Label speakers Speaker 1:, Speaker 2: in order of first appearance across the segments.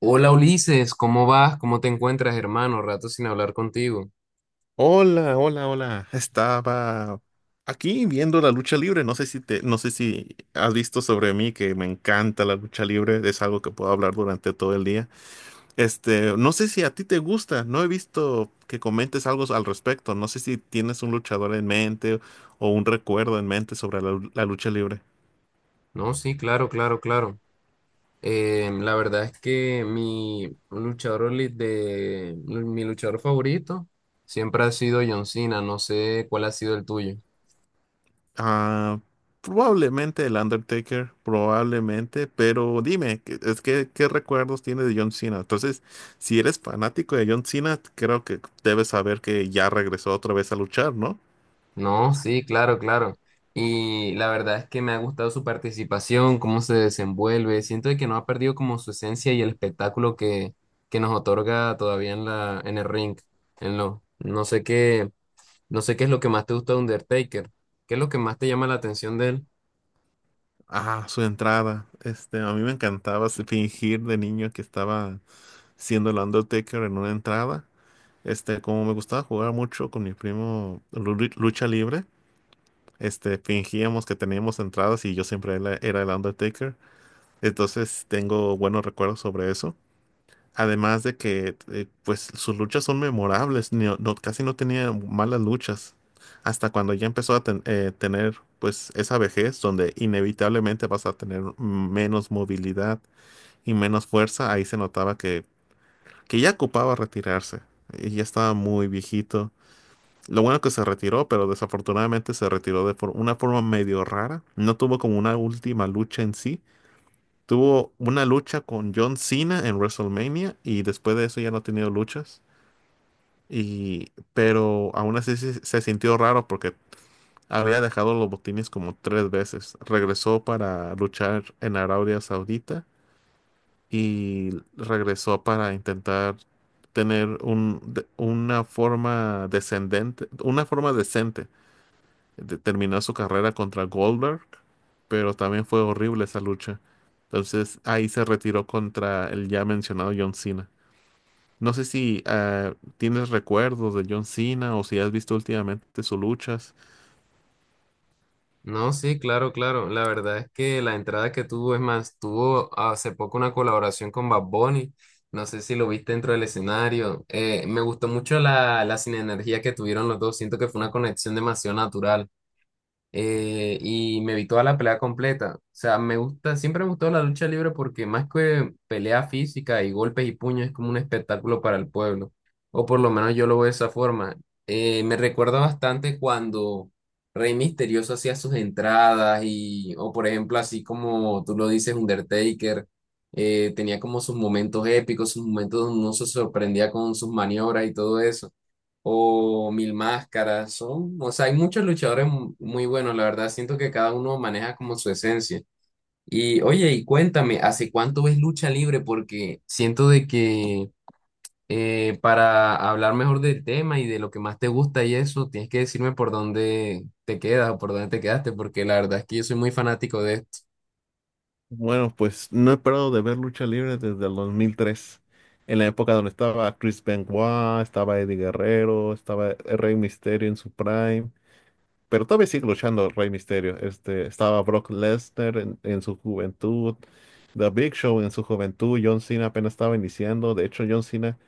Speaker 1: Hola Ulises, ¿cómo vas? ¿Cómo te encuentras, hermano? Rato sin hablar contigo.
Speaker 2: Hola, hola, hola. Estaba aquí viendo la lucha libre. No sé si has visto sobre mí que me encanta la lucha libre. Es algo que puedo hablar durante todo el día. No sé si a ti te gusta. No he visto que comentes algo al respecto. No sé si tienes un luchador en mente o un recuerdo en mente sobre la lucha libre.
Speaker 1: No, sí, claro, claro, claro. La verdad es que mi de mi luchador favorito siempre ha sido John Cena. No sé cuál ha sido el tuyo.
Speaker 2: Ah, probablemente el Undertaker, probablemente, pero dime, ¿qué recuerdos tienes de John Cena? Entonces, si eres fanático de John Cena, creo que debes saber que ya regresó otra vez a luchar, ¿no?
Speaker 1: No, sí, claro, claro. Y la verdad es que me ha gustado su participación, cómo se desenvuelve. Siento de que no ha perdido como su esencia y el espectáculo que nos otorga todavía en en el ring. En lo, no sé qué. No sé qué es lo que más te gusta de Undertaker. ¿Qué es lo que más te llama la atención de él?
Speaker 2: Ah, su entrada. A mí me encantaba fingir de niño que estaba siendo el Undertaker en una entrada. Como me gustaba jugar mucho con mi primo lucha libre, fingíamos que teníamos entradas y yo siempre era el Undertaker. Entonces tengo buenos recuerdos sobre eso. Además de que pues sus luchas son memorables, casi no tenía malas luchas. Hasta cuando ya empezó a tener pues esa vejez donde inevitablemente vas a tener menos movilidad y menos fuerza, ahí se notaba que ya ocupaba retirarse y ya estaba muy viejito. Lo bueno que se retiró, pero desafortunadamente se retiró de una forma medio rara. No tuvo como una última lucha en sí. Tuvo una lucha con John Cena en WrestleMania y después de eso ya no ha tenido luchas. Y, pero aún así se sintió raro porque había dejado los botines como tres veces. Regresó para luchar en Arabia Saudita y regresó para intentar tener una forma descendente, una forma decente. Terminó su carrera contra Goldberg, pero también fue horrible esa lucha. Entonces ahí se retiró contra el ya mencionado John Cena. No sé si tienes recuerdos de John Cena o si has visto últimamente sus luchas.
Speaker 1: No, sí, claro, claro. La verdad es que la entrada que tuvo, es más, tuvo hace poco una colaboración con Bad Bunny. No sé si lo viste dentro del escenario. Me gustó mucho la sinergia que tuvieron los dos. Siento que fue una conexión demasiado natural. Y me vi toda la pelea completa. O sea, me gusta, siempre me gustó la lucha libre porque más que pelea física y golpes y puños es como un espectáculo para el pueblo, o por lo menos yo lo veo de esa forma. Me recuerda bastante cuando Rey Misterioso hacía sus entradas y, o por ejemplo, así como tú lo dices, Undertaker. Tenía como sus momentos épicos, sus momentos donde uno se sorprendía con sus maniobras y todo eso o Mil Máscaras, son, o sea, hay muchos luchadores muy buenos, la verdad, siento que cada uno maneja como su esencia. Y oye, y cuéntame, ¿hace cuánto ves lucha libre? Porque siento de que para hablar mejor del tema y de lo que más te gusta y eso, tienes que decirme por dónde te quedas o por dónde te quedaste, porque la verdad es que yo soy muy fanático de esto.
Speaker 2: Bueno, pues no he parado de ver lucha libre desde el 2003, en la época donde estaba Chris Benoit, estaba Eddie Guerrero, estaba el Rey Mysterio en su prime, pero todavía sigue luchando el Rey Mysterio. Estaba Brock Lesnar en su juventud, The Big Show en su juventud, John Cena apenas estaba iniciando. De hecho, John Cena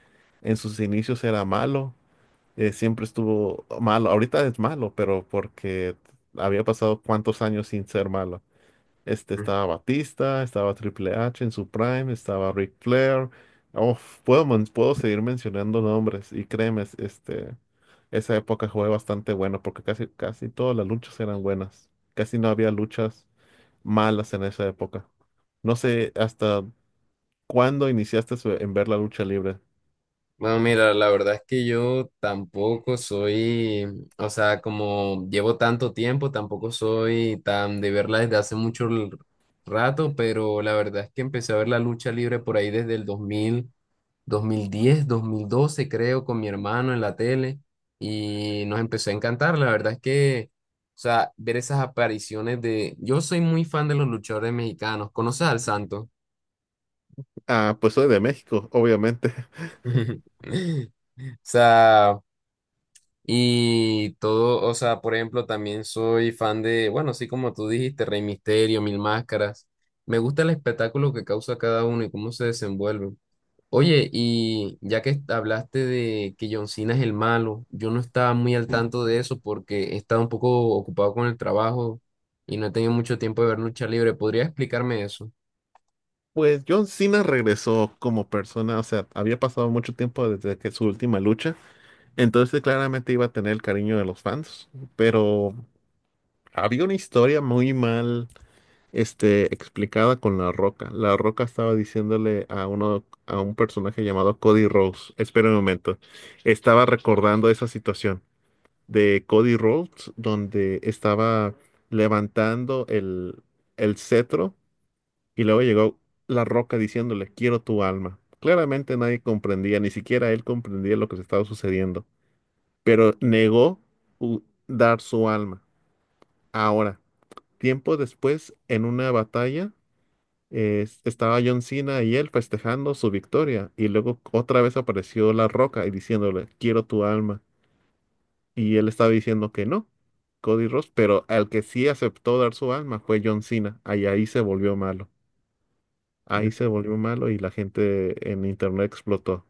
Speaker 2: en sus inicios era malo, siempre estuvo malo. Ahorita es malo, pero porque había pasado cuántos años sin ser malo. Este estaba Batista, estaba Triple H en su prime, estaba Ric Flair. Oh, puedo seguir mencionando nombres y créeme, esa época fue bastante buena porque casi todas las luchas eran buenas. Casi no había luchas malas en esa época. No sé, hasta ¿cuándo iniciaste en ver la lucha libre?
Speaker 1: Bueno, mira, la verdad es que yo tampoco soy, o sea, como llevo tanto tiempo, tampoco soy tan de verla desde hace mucho rato, pero la verdad es que empecé a ver la lucha libre por ahí desde el dos mil 2010 2012 creo, con mi hermano en la tele y nos empezó a encantar. La verdad es que, o sea, ver esas apariciones de... Yo soy muy fan de los luchadores mexicanos. ¿Conoces al Santo?
Speaker 2: Ah, pues soy de México, obviamente.
Speaker 1: O sea... Y todo, o sea, por ejemplo, también soy fan de, bueno, así como tú dijiste, Rey Misterio, Mil Máscaras. Me gusta el espectáculo que causa cada uno y cómo se desenvuelven. Oye, y ya que hablaste de que John Cena es el malo, yo no estaba muy al tanto de eso porque he estado un poco ocupado con el trabajo y no he tenido mucho tiempo de ver lucha libre. ¿Podría explicarme eso?
Speaker 2: Pues John Cena regresó como persona, o sea, había pasado mucho tiempo desde que su última lucha, entonces claramente iba a tener el cariño de los fans, pero había una historia muy mal, explicada con La Roca. La Roca estaba diciéndole a uno, a un personaje llamado Cody Rhodes, espera un momento, estaba recordando esa situación de Cody Rhodes, donde estaba levantando el cetro y luego llegó La Roca diciéndole, quiero tu alma. Claramente nadie comprendía, ni siquiera él comprendía lo que se estaba sucediendo, pero negó u- dar su alma. Ahora, tiempo después, en una batalla, estaba John Cena y él festejando su victoria y luego otra vez apareció La Roca y diciéndole, quiero tu alma. Y él estaba diciendo que no, Cody Ross, pero al que sí aceptó dar su alma fue John Cena. Ahí se volvió malo. Ahí se volvió malo y la gente en internet explotó.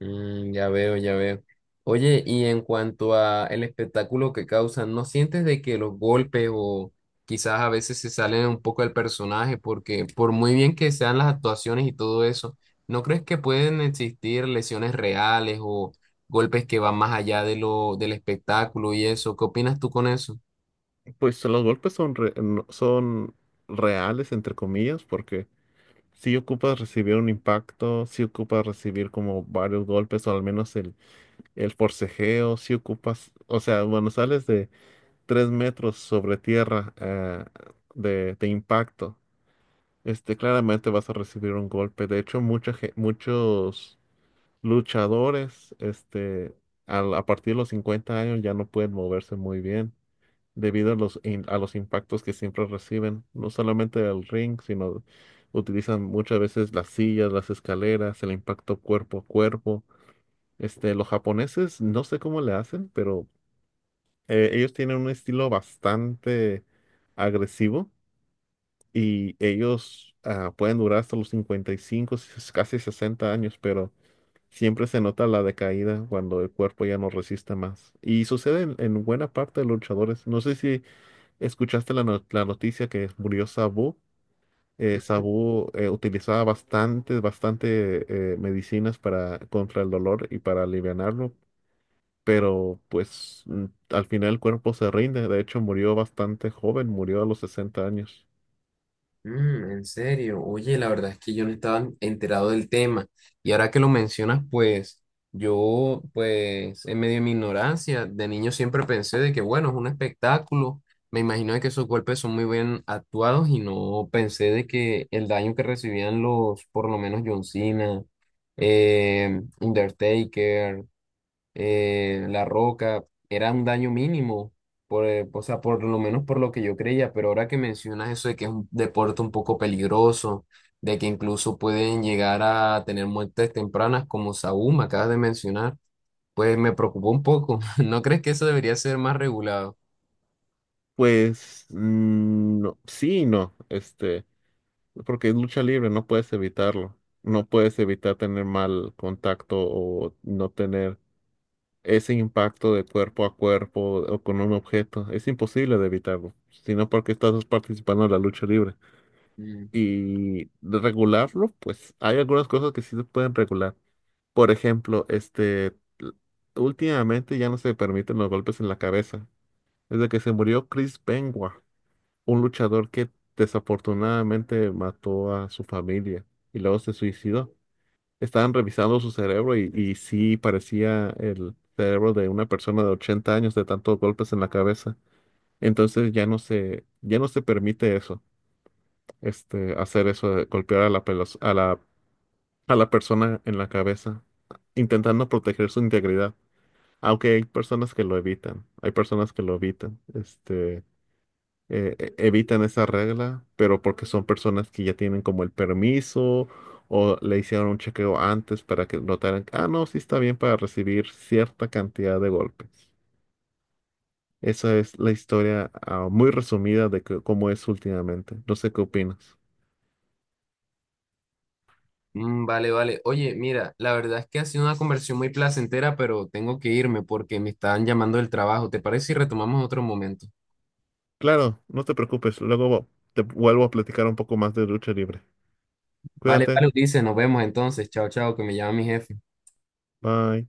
Speaker 1: Mm, ya veo, ya veo. Oye, y en cuanto a el espectáculo que causan, ¿no sientes de que los golpes o quizás a veces se salen un poco del personaje? Porque por muy bien que sean las actuaciones y todo eso, ¿no crees que pueden existir lesiones reales o golpes que van más allá de lo del espectáculo y eso? ¿Qué opinas tú con eso?
Speaker 2: Pues los golpes son, son reales, entre comillas, porque si ocupas recibir un impacto, si ocupas recibir como varios golpes o al menos el forcejeo, si ocupas, o sea, bueno sales de 3 metros sobre tierra de impacto, claramente vas a recibir un golpe. De hecho, muchos luchadores, a partir de los 50 años ya no pueden moverse muy bien debido a a los impactos que siempre reciben, no solamente del ring, sino utilizan muchas veces las sillas, las escaleras, el impacto cuerpo a cuerpo. Los japoneses, no sé cómo le hacen, pero ellos tienen un estilo bastante agresivo y ellos pueden durar hasta los 55, casi 60 años, pero siempre se nota la decaída cuando el cuerpo ya no resiste más. Y sucede en buena parte de los luchadores. No sé si escuchaste la, no- la noticia que murió Sabu. Sabu utilizaba bastante medicinas para, contra el dolor y para alivianarlo, pero pues al final el cuerpo se rinde. De hecho, murió bastante joven, murió a los 60 años.
Speaker 1: Mm, en serio, oye, la verdad es que yo no estaba enterado del tema y ahora que lo mencionas, pues yo, pues en medio de mi ignorancia, de niño siempre pensé de que bueno, es un espectáculo, me imagino de que esos golpes son muy bien actuados y no pensé de que el daño que recibían los, por lo menos John Cena, Undertaker, la Roca, era un daño mínimo, o sea, por lo menos por lo que yo creía, pero ahora que mencionas eso de que es un deporte un poco peligroso, de que incluso pueden llegar a tener muertes tempranas como Saúl me acabas de mencionar, pues me preocupó un poco. ¿No crees que eso debería ser más regulado?
Speaker 2: Pues no, sí y no, porque es lucha libre, no puedes evitarlo, no puedes evitar tener mal contacto o no tener ese impacto de cuerpo a cuerpo o con un objeto, es imposible de evitarlo, sino porque estás participando en la lucha libre.
Speaker 1: Mm.
Speaker 2: Y de regularlo, pues hay algunas cosas que sí se pueden regular. Por ejemplo, l- últimamente ya no se permiten los golpes en la cabeza. Desde que se murió Chris Benoit, un luchador que desafortunadamente mató a su familia y luego se suicidó. Estaban revisando su cerebro y sí parecía el cerebro de una persona de 80 años de tantos golpes en la cabeza. Entonces ya no se permite eso, hacer eso de golpear a la, pelos- a la persona en la cabeza, intentando proteger su integridad. Aunque hay personas que lo evitan, hay personas que lo evitan, evitan esa regla, pero porque son personas que ya tienen como el permiso o le hicieron un chequeo antes para que notaran, ah, no, sí está bien para recibir cierta cantidad de golpes. Esa es la historia, muy resumida de cómo es últimamente. No sé qué opinas.
Speaker 1: Mm, vale, vale. Oye, mira, la verdad es que ha sido una conversión muy placentera, pero tengo que irme porque me están llamando del trabajo. ¿Te parece si retomamos en otro momento?
Speaker 2: Claro, no te preocupes, luego te vuelvo a platicar un poco más de lucha libre.
Speaker 1: Vale,
Speaker 2: Cuídate,
Speaker 1: vale, Ulises, nos vemos entonces. Chao, chao, que me llama mi jefe.
Speaker 2: bye.